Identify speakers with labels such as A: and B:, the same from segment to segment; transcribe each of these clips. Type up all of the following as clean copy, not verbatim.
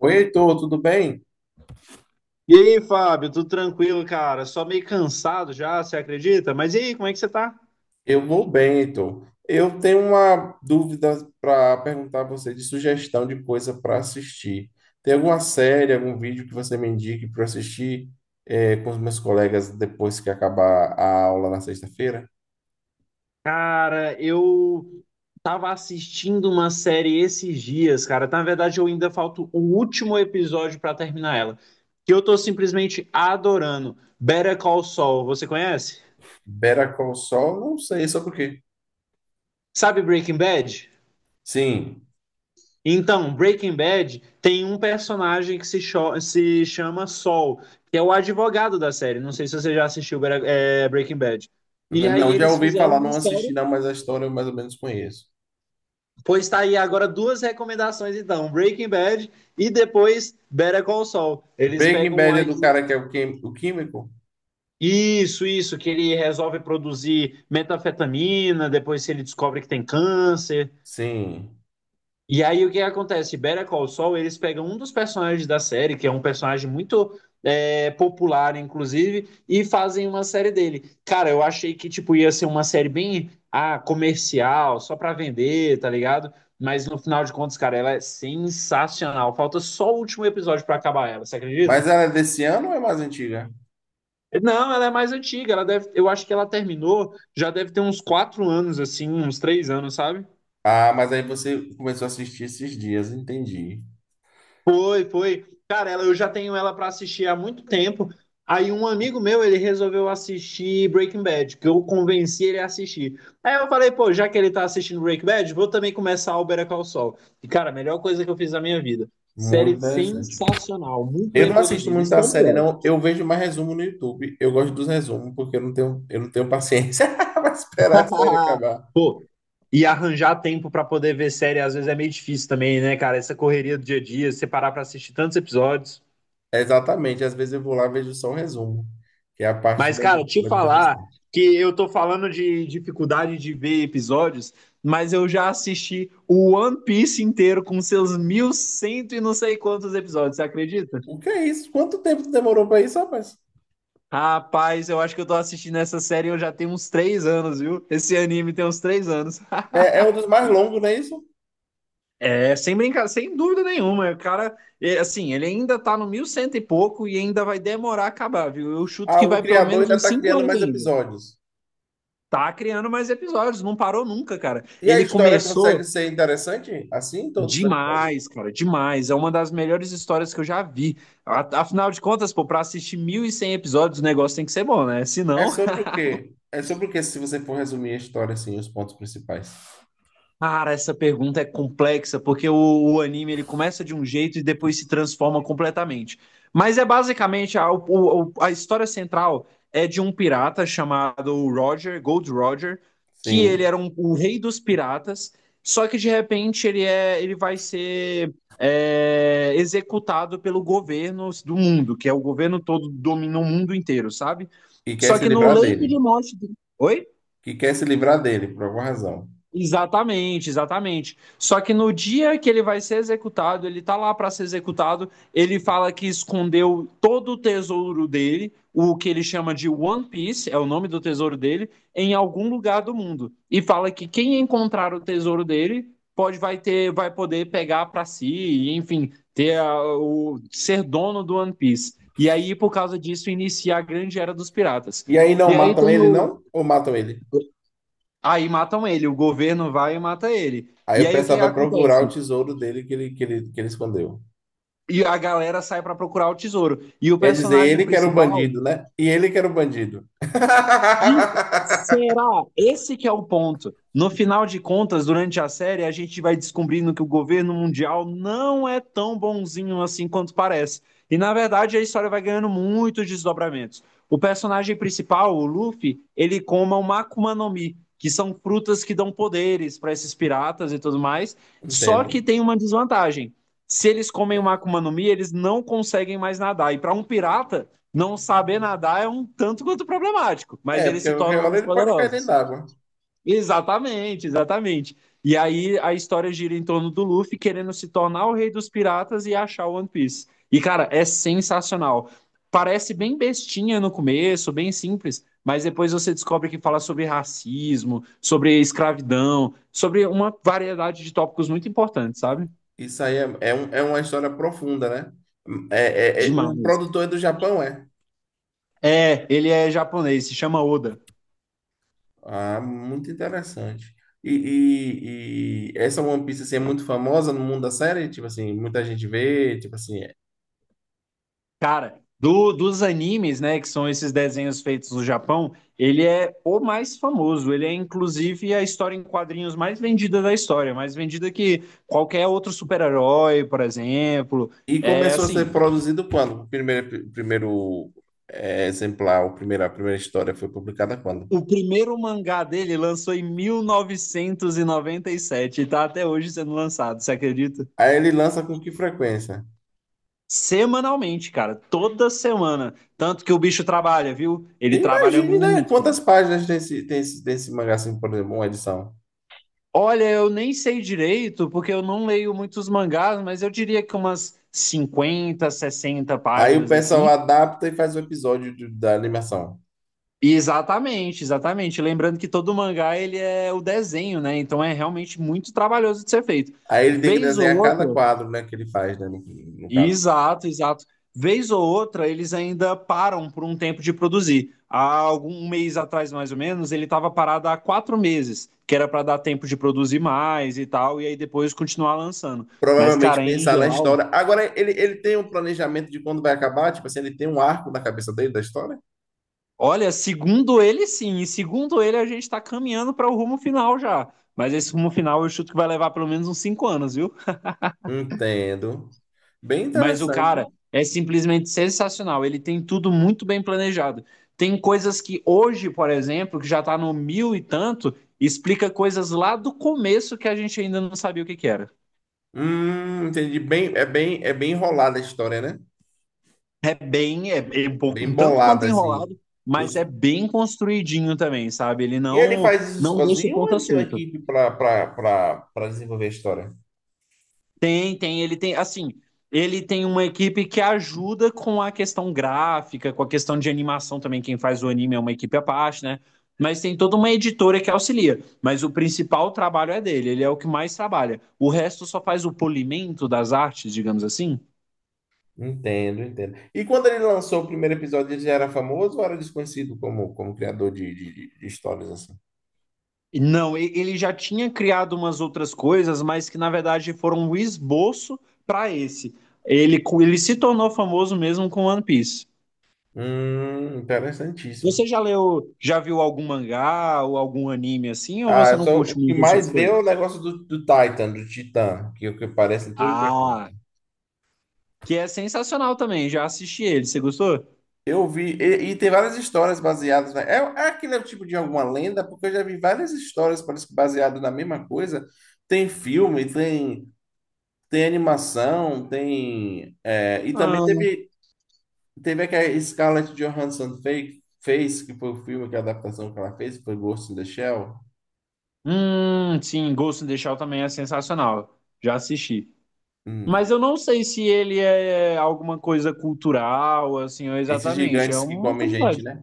A: Oi, Heitor, tudo bem?
B: E aí, Fábio, tudo tranquilo, cara? Só meio cansado já, você acredita? Mas e aí, como é que você tá?
A: Eu vou bem, Heitor. Eu tenho uma dúvida para perguntar a você de sugestão de coisa para assistir. Tem alguma série, algum vídeo que você me indique para assistir com os meus colegas depois que acabar a aula na sexta-feira?
B: Cara, eu tava assistindo uma série esses dias, cara. Na verdade, eu ainda falta o último episódio pra terminar ela, que eu tô simplesmente adorando. Better Call Saul, você conhece?
A: Better Call Saul, não sei sobre o quê.
B: Sabe Breaking Bad?
A: Sim,
B: Então, Breaking Bad tem um personagem que se chama Saul, que é o advogado da série. Não sei se você já assistiu Breaking Bad. E aí
A: não, já
B: eles
A: ouvi
B: fizeram
A: falar,
B: uma
A: não assisti não,
B: série.
A: mas a história eu mais ou menos conheço.
B: Pois tá aí agora duas recomendações, então. Breaking Bad e depois Better Call Saul. Eles
A: Breaking
B: pegam um.
A: Bad é do cara que é o o químico?
B: Isso, que ele resolve produzir metanfetamina, depois ele descobre que tem câncer.
A: Sim.
B: E aí o que acontece? Better Call Saul, eles pegam um dos personagens da série, que é um personagem muito popular, inclusive, e fazem uma série dele. Cara, eu achei que tipo ia ser uma série bem ah, comercial, só pra vender, tá ligado? Mas no final de contas, cara, ela é sensacional. Falta só o último episódio pra acabar ela, você
A: Mas
B: acredita?
A: ela é desse ano ou é mais antiga?
B: Não, ela é mais antiga, ela deve, eu acho que ela terminou, já deve ter uns quatro anos, assim, uns três anos, sabe?
A: Ah, mas aí você começou a assistir esses dias, entendi.
B: Foi, foi. Cara, ela, eu já tenho ela para assistir há muito tempo. Aí um amigo meu, ele resolveu assistir Breaking Bad, que eu convenci ele a assistir. Aí eu falei, pô, já que ele tá assistindo Breaking Bad, vou também começar o Better Call Saul. E, cara, a melhor coisa que eu fiz na minha vida.
A: Muito
B: Série
A: interessante.
B: sensacional, muito
A: Eu
B: bem
A: não assisto
B: produzida. Isso
A: muita
B: é o
A: série,
B: melhor.
A: não. Eu vejo mais resumo no YouTube. Eu gosto dos resumos, porque eu não tenho paciência para esperar a série acabar.
B: Pô, e arranjar tempo pra poder ver série às vezes é meio difícil também, né, cara? Essa correria do dia a dia, separar pra assistir tantos episódios.
A: Exatamente. Às vezes eu vou lá e vejo só o resumo, que é a parte
B: Mas,
A: mais,
B: cara, te
A: mais
B: falar
A: interessante.
B: que eu tô falando de dificuldade de ver episódios, mas eu já assisti o One Piece inteiro com seus 1100 e cento e não sei quantos episódios, você acredita?
A: O que é isso? Quanto tempo demorou para isso, rapaz?
B: Rapaz, eu acho que eu tô assistindo essa série eu já tenho uns três anos, viu? Esse anime tem uns três anos.
A: É, é um dos mais longos, não é isso?
B: É, sem brincar, sem dúvida nenhuma. O cara, é, assim, ele ainda tá no mil e cento e pouco e ainda vai demorar a acabar, viu? Eu chuto
A: Ah,
B: que
A: o
B: vai pelo
A: criador
B: menos
A: ainda
B: uns
A: está
B: cinco
A: criando
B: anos
A: mais
B: ainda.
A: episódios.
B: Tá criando mais episódios, não parou nunca, cara.
A: E a
B: Ele
A: história
B: começou.
A: consegue ser interessante assim, todos os episódios?
B: Demais, cara, demais. É uma das melhores histórias que eu já vi. Afinal de contas, pô, pra assistir 1.100 episódios, o negócio tem que ser bom, né?
A: É
B: Senão.
A: sobre o quê? É sobre o quê, se você for resumir a história, assim, os pontos principais.
B: Cara, essa pergunta é complexa, porque o anime ele começa de um jeito e depois se transforma completamente. Mas é basicamente a história central é de um pirata chamado Roger, Gold Roger, que ele
A: Sim.
B: o rei dos piratas, só que de repente ele vai ser executado pelo governo do mundo, que é o governo todo domina o mundo inteiro, sabe?
A: E quer
B: Só
A: se
B: que no
A: livrar
B: leito
A: dele.
B: de morte dele. Oi?
A: Que quer se livrar dele, por alguma razão.
B: Exatamente, exatamente. Só que no dia que ele vai ser executado, ele tá lá para ser executado, ele fala que escondeu todo o tesouro dele, o que ele chama de One Piece, é o nome do tesouro dele, em algum lugar do mundo. E fala que quem encontrar o tesouro dele vai poder pegar para si, e, enfim, ter a- o ser dono do One Piece. E aí, por causa disso, inicia a grande era dos piratas.
A: E aí não
B: E aí
A: matam
B: tem
A: ele,
B: o.
A: não? Ou matam ele?
B: Aí matam ele, o governo vai e mata ele.
A: Aí
B: E
A: o
B: aí o
A: pessoal
B: que
A: vai procurar o
B: acontece?
A: tesouro dele que ele escondeu.
B: E a galera sai pra procurar o tesouro. E o
A: Quer dizer,
B: personagem
A: ele que era o
B: principal,
A: bandido, né? E ele que era o bandido.
B: de- será? Esse que é o ponto. No final de contas, durante a série, a gente vai descobrindo que o governo mundial não é tão bonzinho assim quanto parece. E na verdade, a história vai ganhando muitos desdobramentos. O personagem principal, o Luffy, ele coma o Makuma no Mi, que são frutas que dão poderes para esses piratas e tudo mais. Só
A: Entendo.
B: que tem uma desvantagem. Se eles comem o Makuma no Mi, eles não conseguem mais nadar. E para um pirata, não saber nadar é um tanto quanto problemático,
A: É,
B: mas eles
A: porque
B: se
A: a qualquer
B: tornam
A: hora
B: mais
A: ele pode cair dentro
B: poderosos.
A: d'água.
B: Exatamente, exatamente. E aí a história gira em torno do Luffy querendo se tornar o rei dos piratas e achar o One Piece. E cara, é sensacional. Parece bem bestinha no começo, bem simples, mas depois você descobre que fala sobre racismo, sobre escravidão, sobre uma variedade de tópicos muito importantes, sabe?
A: Isso aí é uma história profunda, né? É, o
B: Demais.
A: produtor é do Japão, é?
B: É, ele é japonês, se chama Oda.
A: Ah, muito interessante. E essa One Piece assim, é muito famosa no mundo da série? Tipo assim, muita gente vê, tipo assim. É.
B: Cara, dos animes, né, que são esses desenhos feitos no Japão, ele é o mais famoso. Ele é, inclusive, a história em quadrinhos mais vendida da história, mais vendida que qualquer outro super-herói, por exemplo.
A: E
B: É
A: começou a
B: assim,
A: ser produzido quando? O primeiro exemplar, o primeiro, a primeira história foi publicada
B: o
A: quando?
B: o primeiro mangá dele lançou em 1997 e noventa e sete e tá até hoje sendo lançado, você acredita?
A: Aí ele lança com que frequência?
B: Semanalmente, cara, toda semana. Tanto que o bicho trabalha, viu? Ele trabalha
A: Imagine, né?
B: muito.
A: Quantas páginas tem tem esse mangá, assim, por exemplo, uma edição?
B: Olha, eu nem sei direito, porque eu não leio muitos mangás, mas eu diria que umas 50, 60
A: Aí o
B: páginas
A: pessoal
B: assim.
A: adapta e faz o episódio da animação.
B: E exatamente, exatamente. Lembrando que todo mangá ele é o desenho, né? Então é realmente muito trabalhoso de ser feito.
A: Aí ele tem que
B: Vez ou
A: desenhar
B: outra.
A: cada quadro, né, que ele faz, né, no caso.
B: Exato, exato. Vez ou outra, eles ainda param por um tempo de produzir. Há algum um mês atrás, mais ou menos, ele estava parado há quatro meses, que era para dar tempo de produzir mais e tal, e aí depois continuar lançando. Mas,
A: Provavelmente
B: cara, em
A: pensar na
B: geral,
A: história. Agora, ele tem um planejamento de quando vai acabar? Tipo assim, ele tem um arco na cabeça dele da história?
B: olha, segundo ele, sim, e segundo ele, a gente está caminhando para o rumo final já. Mas esse rumo final eu chuto que vai levar pelo menos uns cinco anos, viu?
A: Entendo. Bem
B: Mas o cara
A: interessante.
B: é simplesmente sensacional. Ele tem tudo muito bem planejado. Tem coisas que hoje, por exemplo, que já tá no mil e tanto, explica coisas lá do começo que a gente ainda não sabia o que que era.
A: Entendi. É bem enrolada a história, né?
B: É bem, é, é um pouco,
A: Bem
B: um tanto quanto
A: bolada, assim.
B: enrolado, mas
A: Os-
B: é bem construidinho também, sabe? Ele
A: E ele
B: não
A: faz isso
B: não deixa
A: sozinho ou
B: ponta
A: ele tem uma
B: solta.
A: equipe para desenvolver a história?
B: Tem, tem, ele tem, assim, ele tem uma equipe que ajuda com a questão gráfica, com a questão de animação também, quem faz o anime é uma equipe à parte, né? Mas tem toda uma editora que auxilia, mas o principal trabalho é dele, ele é o que mais trabalha. O resto só faz o polimento das artes, digamos assim.
A: Entendo, entendo. E quando ele lançou o primeiro episódio, ele já era famoso ou era desconhecido como, de histórias assim?
B: Não, ele já tinha criado umas outras coisas, mas que na verdade foram um esboço para esse. Ele se tornou famoso mesmo com One Piece.
A: Interessantíssimo.
B: Você já leu, já viu algum mangá ou algum anime assim, ou você
A: Ah,
B: não
A: só o
B: curte
A: que
B: muito esse tipo de
A: mais vê é
B: coisa?
A: o negócio do Titan, do Titã, que parece tudo que é. Coisa.
B: Ah, que é sensacional também, já assisti ele, você gostou?
A: Eu vi, e tem várias histórias baseadas, né? É, é aquele tipo de alguma lenda, porque eu já vi várias histórias parece que baseadas na mesma coisa. Tem filme, tem, tem animação, tem. É, e também
B: Ah,
A: teve, teve a que a Scarlett Johansson fez, que foi o filme, que a adaptação que ela fez, foi Ghost in the Shell.
B: sim, Ghost in the Shell também é sensacional, já assisti. Mas
A: Hum,
B: eu não sei se ele é alguma coisa cultural, assim, ou
A: esses
B: exatamente, é
A: gigantes que
B: uma
A: comem gente,
B: curiosidade.
A: né?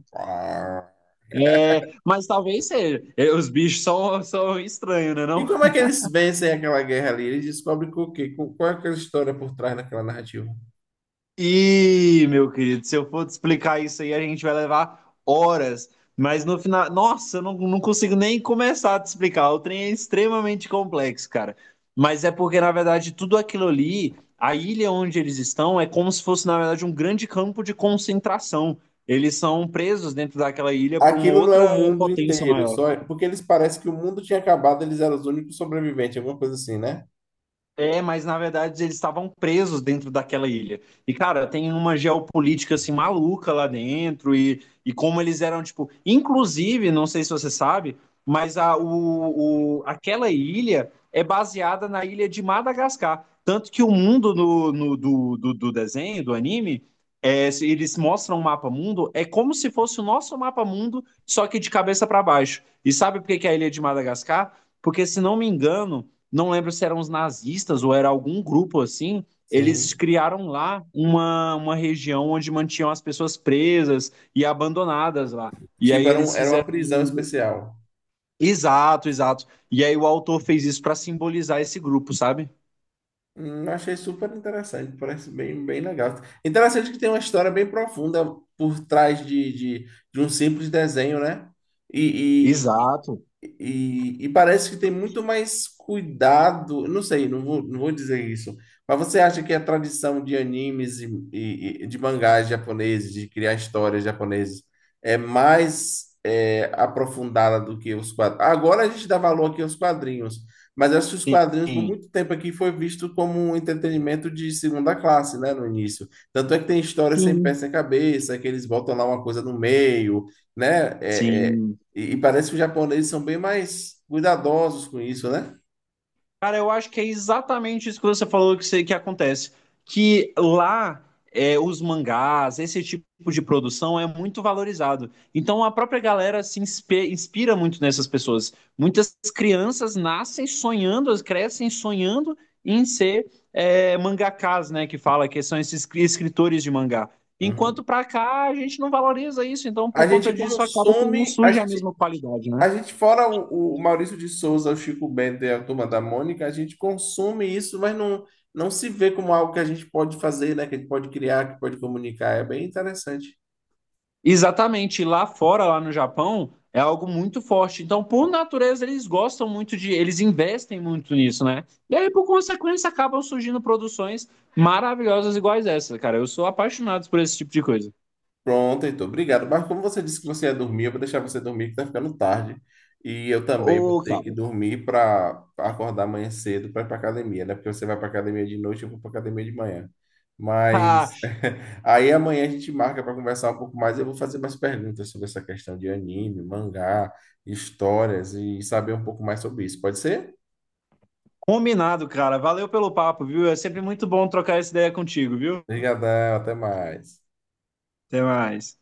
B: É, mas talvez seja. É, os bichos são, são estranhos, né,
A: E
B: não?
A: como é que eles vencem aquela guerra ali? Eles descobrem que o quê? Qual é aquela história por trás daquela narrativa?
B: Ih, meu querido, se eu for te explicar isso aí, a gente vai levar horas. Mas no final, nossa, eu não, não consigo nem começar a te explicar. O trem é extremamente complexo, cara. Mas é porque, na verdade, tudo aquilo ali, a ilha onde eles estão, é como se fosse, na verdade, um grande campo de concentração. Eles são presos dentro daquela ilha por uma
A: Aquilo não é o
B: outra
A: mundo
B: potência
A: inteiro,
B: maior.
A: porque eles parecem que o mundo tinha acabado, eles eram os únicos sobreviventes, alguma coisa assim, né?
B: É, mas na verdade eles estavam presos dentro daquela ilha. E, cara, tem uma geopolítica assim maluca lá dentro e como eles eram, tipo. Inclusive, não sei se você sabe, mas aquela ilha é baseada na ilha de Madagascar. Tanto que o mundo do desenho, do anime, é, se eles mostram o mapa mundo, é como se fosse o nosso mapa mundo, só que de cabeça para baixo. E sabe por que que é a ilha de Madagascar? Porque, se não me engano não lembro se eram os nazistas ou era algum grupo assim, eles
A: Sim.
B: criaram lá uma região onde mantinham as pessoas presas e abandonadas lá. E aí
A: Tipo,
B: eles
A: era uma
B: fizeram.
A: prisão especial.
B: Exato, exato. E aí o autor fez isso para simbolizar esse grupo, sabe?
A: Achei super interessante, parece bem, bem legal. Interessante que tem uma história bem profunda por trás de um simples desenho, né? E,
B: Exato.
A: E parece que tem muito mais cuidado. Não sei, não vou dizer isso. Mas você acha que a tradição de animes e de mangás japoneses, de criar histórias japonesas, é mais aprofundada do que os quadrinhos? Agora a gente dá valor aqui aos quadrinhos, mas acho que os quadrinhos por
B: Sim,
A: muito tempo aqui foi visto como um entretenimento de segunda classe, né, no início. Tanto é que tem histórias sem pé
B: sim,
A: sem cabeça, que eles botam lá uma coisa no meio, né?
B: sim.
A: E parece que os japoneses são bem mais cuidadosos com isso, né?
B: Cara, eu acho que é exatamente isso que você falou que, que acontece. Que lá é, os mangás, esse tipo de produção é muito valorizado. Então a própria galera se inspira muito nessas pessoas. Muitas crianças nascem sonhando, elas crescem sonhando em ser mangakás, né? Que fala que são esses escritores de mangá. Enquanto
A: Uhum.
B: pra cá a gente não valoriza isso, então
A: A
B: por conta
A: gente
B: disso acaba que não
A: consome, a
B: surge a
A: gente
B: mesma qualidade, né?
A: A gente, fora o Maurício de Souza, o Chico Bento e a Turma da Mônica, a gente consome isso, mas não se vê como algo que a gente pode fazer, né? Que a gente pode criar, que pode comunicar. É bem interessante.
B: Exatamente, lá fora, lá no Japão, é algo muito forte. Então, por natureza, eles gostam muito de, eles investem muito nisso, né? E aí, por consequência, acabam surgindo produções maravilhosas iguais essa, cara. Eu sou apaixonado por esse tipo de coisa.
A: Pronto, Heitor, obrigado. Mas como você disse que você ia dormir, eu vou deixar você dormir, que tá ficando tarde. E eu também vou
B: Ô,
A: ter
B: cara.
A: que dormir para acordar amanhã cedo para ir para academia, né? Porque você vai para academia de noite, eu vou para academia de manhã.
B: Ah,
A: Mas aí amanhã a gente marca para conversar um pouco mais. Eu vou fazer mais perguntas sobre essa questão de anime, mangá, histórias e saber um pouco mais sobre isso. Pode ser?
B: combinado, cara. Valeu pelo papo, viu? É sempre muito bom trocar essa ideia contigo, viu?
A: Obrigadão, até mais.
B: Até mais.